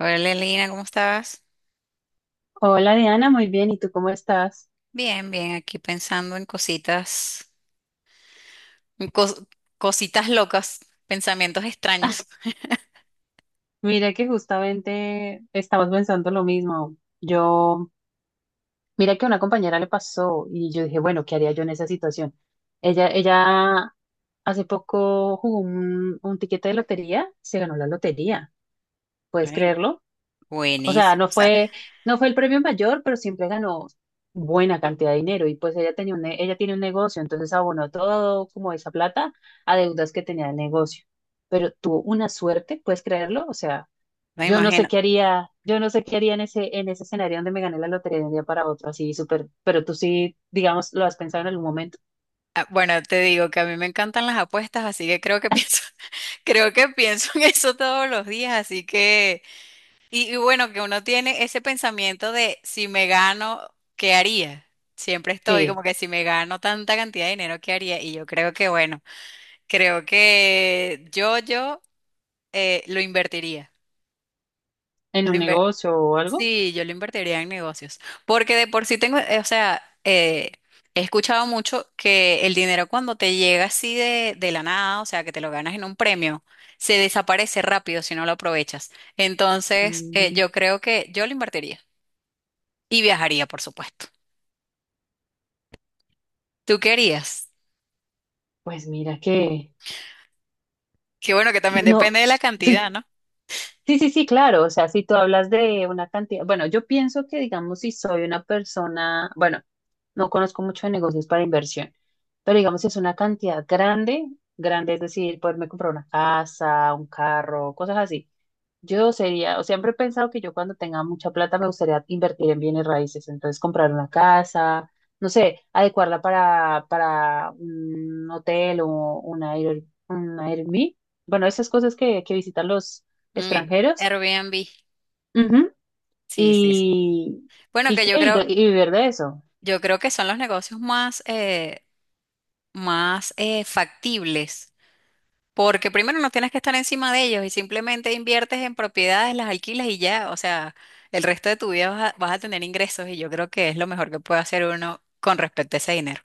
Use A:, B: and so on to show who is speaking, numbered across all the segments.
A: Hola, Lina, ¿cómo estás?
B: Hola Diana, muy bien. ¿Y tú cómo estás?
A: Bien, bien, aquí pensando en cositas, en cos- cositas locas, pensamientos extraños.
B: Mira que justamente estamos pensando lo mismo. Mira que a una compañera le pasó y yo dije, bueno, ¿qué haría yo en esa situación? Ella hace poco jugó un tiquete de lotería, se ganó la lotería. ¿Puedes
A: Ay,
B: creerlo? O sea,
A: buenísimo.
B: no
A: O sea,
B: fue, no fue el premio mayor, pero siempre ganó buena cantidad de dinero. Y pues ella tiene un negocio, entonces abonó todo como esa plata a deudas que tenía el negocio. Pero tuvo una suerte, ¿puedes creerlo? O sea,
A: me
B: yo no sé
A: imagino.
B: qué haría, yo no sé qué haría en ese escenario donde me gané la lotería de un día para otro, así súper, pero tú sí, digamos, lo has pensado en algún momento.
A: Bueno, te digo que a mí me encantan las apuestas, así que creo que pienso, creo que pienso en eso todos los días, así que, y bueno, que uno tiene ese pensamiento de si me gano, ¿qué haría? Siempre estoy como
B: Sí,
A: que si me gano tanta cantidad de dinero, ¿qué haría? Y yo creo que, bueno, creo que yo lo invertiría.
B: en
A: Lo
B: un
A: inver-
B: negocio o algo.
A: sí, yo lo invertiría en negocios. Porque de por sí tengo, o sea, he escuchado mucho que el dinero cuando te llega así de la nada, o sea, que te lo ganas en un premio, se desaparece rápido si no lo aprovechas. Entonces,
B: Mm,
A: yo creo que yo lo invertiría. Y viajaría, por supuesto. ¿Tú querías?
B: Pues mira que
A: Que bueno, que también
B: no.
A: depende de la cantidad, ¿no?
B: Sí, sí, sí, claro. O sea, si tú hablas de una cantidad, bueno, yo pienso que, digamos, si soy una persona, bueno, no conozco mucho de negocios para inversión, pero digamos es una cantidad grande, grande, es decir, poderme comprar una casa, un carro, cosas así. Yo sería, o siempre he pensado que yo cuando tenga mucha plata me gustaría invertir en bienes raíces, entonces comprar una casa, no sé, adecuarla para un hotel o una air, un Airbnb, bueno, esas cosas que visitan los
A: Mm,
B: extranjeros.
A: Airbnb.
B: Ujú.
A: Sí, sí, sí.
B: y,
A: Bueno,
B: y,
A: que
B: qué, y, y vivir de eso.
A: yo creo que son los negocios más, más factibles, porque primero no tienes que estar encima de ellos y simplemente inviertes en propiedades, las alquilas y ya, o sea, el resto de tu vida vas a, vas a tener ingresos y yo creo que es lo mejor que puede hacer uno con respecto a ese dinero.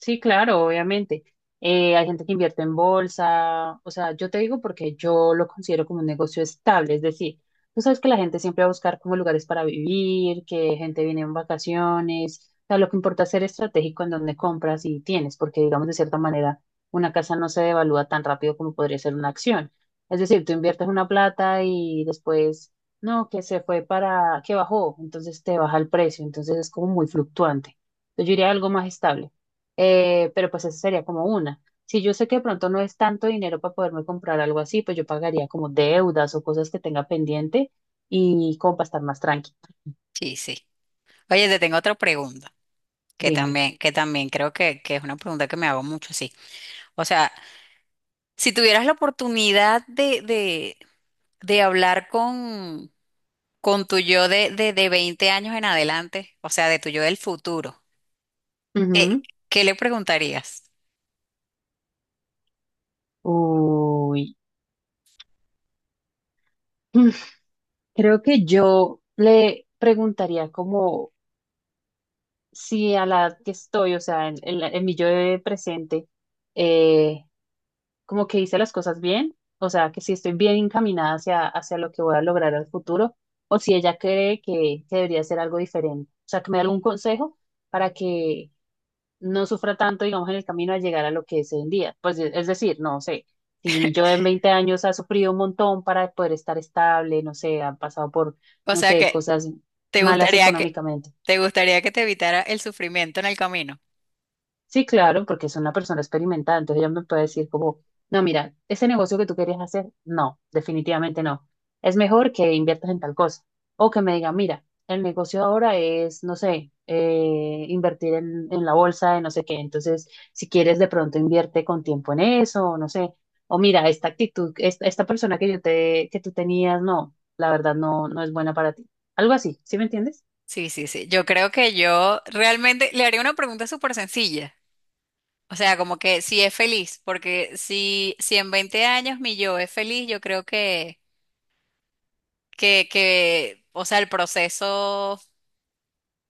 B: Sí, claro, obviamente. Hay gente que invierte en bolsa, o sea, yo te digo porque yo lo considero como un negocio estable, es decir, tú sabes que la gente siempre va a buscar como lugares para vivir, que gente viene en vacaciones, o sea, lo que importa es ser estratégico en dónde compras y tienes, porque digamos de cierta manera una casa no se devalúa tan rápido como podría ser una acción. Es decir, tú inviertes una plata y después, no, que se fue para, que bajó, entonces te baja el precio, entonces es como muy fluctuante. Entonces, yo diría algo más estable. Pero pues esa sería como una. Si yo sé que de pronto no es tanto dinero para poderme comprar algo así, pues yo pagaría como deudas o cosas que tenga pendiente y como para estar más tranquila.
A: Sí, sí. Oye, te tengo otra pregunta,
B: Dime.
A: que también creo que es una pregunta que me hago mucho, sí. O sea, si tuvieras la oportunidad de hablar con tu yo de 20 años en adelante, o sea, de tu yo del futuro. ¿Qué,
B: Ujú.
A: qué le preguntarías?
B: Uy. Creo que yo le preguntaría como si a la edad que estoy, o sea, en mi yo de presente, eh, como que hice las cosas bien, o sea, que si estoy bien encaminada hacia lo que voy a lograr al futuro, o si ella cree que debería hacer algo diferente. O sea, que me dé algún consejo para que no sufra tanto, digamos, en el camino a llegar a lo que es hoy en día. Pues e- es decir, no sé, si mi yo en 20 años ha sufrido un montón para poder estar estable, no sé, ha pasado por,
A: O
B: no
A: sea,
B: sé,
A: que
B: cosas
A: te
B: malas
A: gustaría que
B: económicamente.
A: te gustaría que te evitara el sufrimiento en el camino.
B: Sí, claro, porque es una persona experimentada, entonces ella me puede decir como, no, mira, ese negocio que tú querías hacer, no, definitivamente no. Es mejor que inviertas en tal cosa. O que me diga, mira, el negocio ahora es, no sé, invertir en la bolsa de no sé qué. Entonces, si quieres, de pronto invierte con tiempo en eso, o no sé. O mira, esta actitud, esta persona que que tú tenías, no, la verdad no, no es buena para ti. Algo así, ¿sí me entiendes?
A: Sí, sí, sí. Yo creo que yo realmente le haría una pregunta súper sencilla. O sea, como que si es feliz, porque si, si en 20 años mi yo es feliz, yo creo que, o sea, el proceso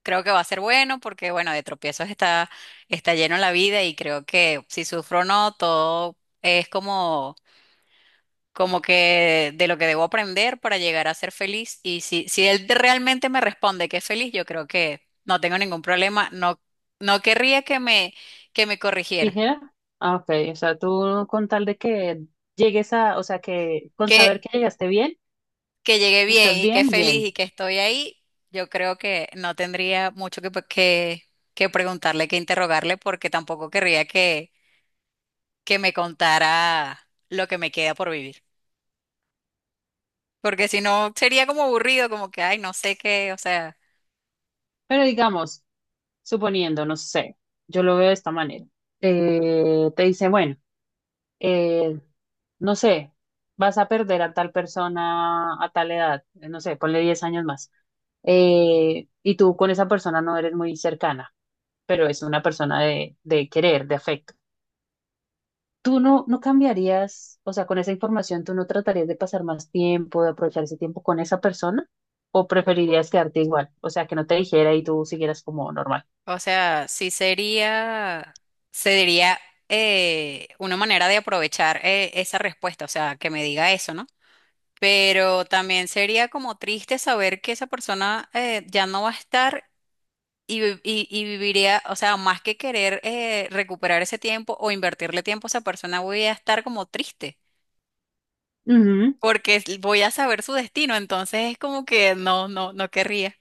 A: creo que va a ser bueno, porque bueno, de tropiezos está, está lleno la vida y creo que si sufro o no, todo es como como que de lo que debo aprender para llegar a ser feliz. Y si, él realmente me responde que es feliz, yo creo que no tengo ningún problema. No, no querría que me corrigiera.
B: ¿Tijera? Ah, ok. O sea, tú con tal de que llegues a, o sea, que con saber
A: Que,
B: que llegaste bien
A: que llegué
B: y
A: bien
B: estás
A: y que
B: bien,
A: feliz
B: bien.
A: y que estoy ahí, yo creo que no tendría mucho que preguntarle, que interrogarle, porque tampoco querría que me contara lo que me queda por vivir. Porque si no, sería como aburrido, como que, ay, no sé qué, o sea.
B: Pero digamos, suponiendo, no sé, yo lo veo de esta manera. Te dice, bueno, eh, no sé, vas a perder a tal persona a tal edad, no sé, ponle 10 años más. Y tú con esa persona no eres muy cercana, pero es una persona de querer, de afecto. ¿Tú no cambiarías, o sea, con esa información, tú no tratarías de pasar más tiempo, de aprovechar ese tiempo con esa persona? ¿O preferirías quedarte igual? O sea, que no te dijera y tú siguieras como normal.
A: O sea, sí sería, sería una manera de aprovechar esa respuesta, o sea, que me diga eso, ¿no? Pero también sería como triste saber que esa persona ya no va a estar y, y viviría, o sea, más que querer recuperar ese tiempo o invertirle tiempo a esa persona, voy a estar como triste,
B: Ujú.
A: porque voy a saber su destino, entonces es como que no, no, no querría.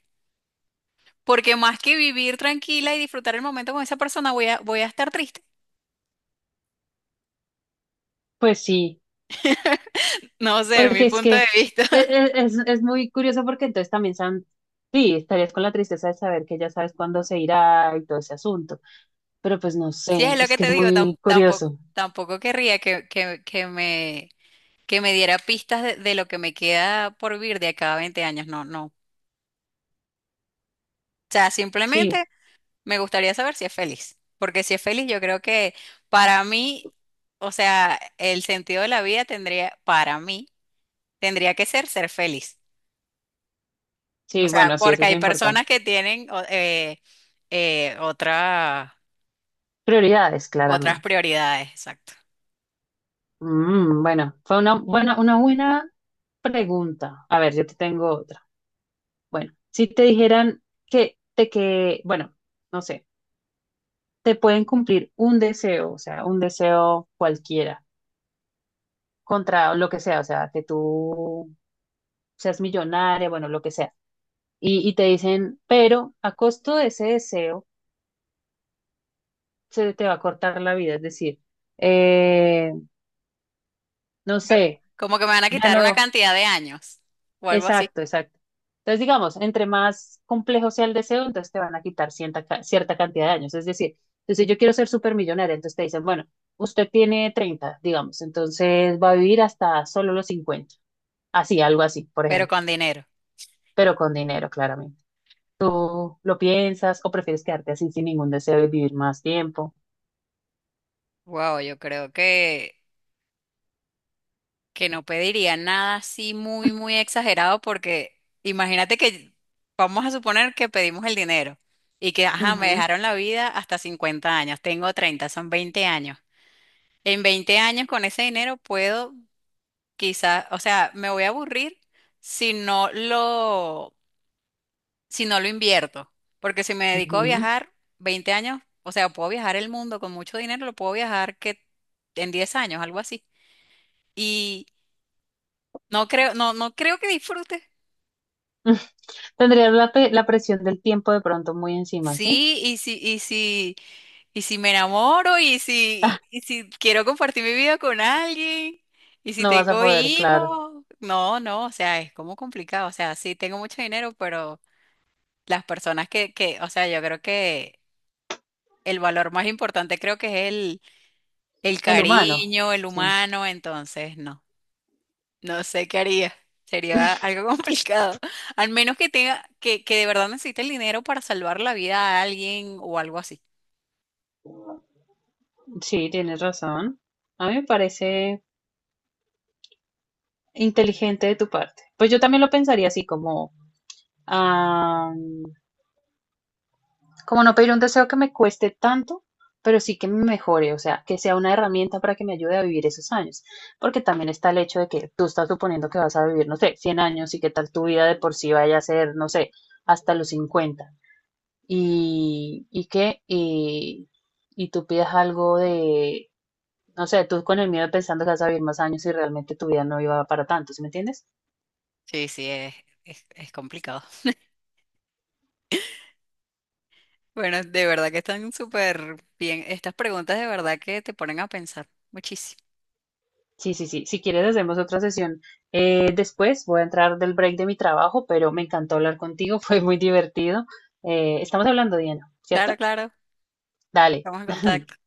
A: Porque más que vivir tranquila y disfrutar el momento con esa persona, voy a, voy a estar triste.
B: Pues sí,
A: No sé, mi
B: porque es
A: punto de
B: que
A: vista.
B: e- e- es, es muy curioso porque entonces también sí, estarías con la tristeza de saber que ya sabes cuándo se irá y todo ese asunto, pero pues no
A: Si
B: sé,
A: es lo
B: es
A: que
B: que
A: te
B: es
A: digo,
B: muy
A: tampoco,
B: curioso.
A: tampoco querría que, que me diera pistas de lo que me queda por vivir de acá a 20 años. No, no. O sea, simplemente
B: Sí,
A: me gustaría saber si es feliz. Porque si es feliz, yo creo que para mí, o sea, el sentido de la vida tendría, para mí, tendría que ser ser feliz. O
B: sí,
A: sea,
B: bueno, sí, eso
A: porque
B: es
A: hay
B: importante.
A: personas que tienen eh, otra-
B: Prioridades,
A: otras
B: claramente.
A: prioridades, exacto.
B: Bueno, fue una buena pregunta. A ver, yo te tengo otra. Bueno, si te dijeran que bueno, no sé, te pueden cumplir un deseo, o sea, un deseo cualquiera, contra lo que sea, o sea, que tú seas millonaria, bueno, lo que sea. Y te dicen, pero a costo de ese deseo se te va a cortar la vida, es decir, eh, no
A: Me-
B: sé,
A: Como que me van a
B: ya
A: quitar una
B: no.
A: cantidad de años o algo así,
B: Exacto, exacto. Entonces, digamos, entre más complejo sea el deseo, entonces te van a quitar cierta cantidad de años. Es decir, entonces si yo quiero ser supermillonaria, entonces te dicen, bueno, usted tiene 30, digamos, entonces va a vivir hasta solo los 50, así, algo así, por
A: pero
B: ejemplo,
A: con dinero.
B: pero con dinero, claramente. ¿Tú lo piensas o prefieres quedarte así sin ningún deseo y vivir más tiempo?
A: Wow, yo creo que no pediría nada así muy, muy exagerado porque imagínate que vamos a suponer que pedimos el dinero y que, ajá, me
B: Ujú,
A: dejaron la vida hasta 50 años, tengo 30, son 20 años. En 20 años con ese dinero puedo quizás, o sea, me voy a aburrir si no lo invierto. Porque si me dedico a
B: ujú.
A: viajar 20 años, o sea, puedo viajar el mundo con mucho dinero, lo puedo viajar que en 10 años, algo así. Y no creo, no, no creo que disfrute.
B: Tendrías la presión del tiempo de pronto muy encima, ¿sí?
A: Sí, y si me enamoro, y si quiero compartir mi vida con alguien, y si
B: No vas a
A: tengo
B: poder, claro.
A: hijos, no, no, o sea, es como complicado. O sea, sí tengo mucho dinero, pero las personas que, o sea, yo creo que el valor más importante creo que es el
B: El humano,
A: cariño, el
B: sí.
A: humano, entonces no, no sé qué haría. Sería algo complicado. Al menos que tenga, que de verdad necesite el dinero para salvar la vida a alguien o algo así.
B: Sí, tienes razón. A mí me parece inteligente de tu parte. Pues yo también lo pensaría así, como, ah, como no pedir un deseo que me cueste tanto, pero sí que me mejore, o sea, que sea una herramienta para que me ayude a vivir esos años. Porque también está el hecho de que tú estás suponiendo que vas a vivir, no sé, 100 años y que tal tu vida de por sí vaya a ser, no sé, hasta los 50. Y, y que, y, y tú pidas algo de no sé, tú con el miedo pensando que vas a vivir más años y realmente tu vida no iba para tanto, ¿sí me entiendes?
A: Sí, sí, es complicado. Bueno, de verdad que están súper bien. Estas preguntas de verdad que te ponen a pensar muchísimo.
B: Sí, sí, sí. Si quieres, hacemos otra sesión después. Voy a entrar del break de mi trabajo, pero me encantó hablar contigo, fue muy divertido. Estamos hablando, Diana,
A: Claro,
B: ¿cierto?
A: claro.
B: Dale.
A: Estamos en contacto.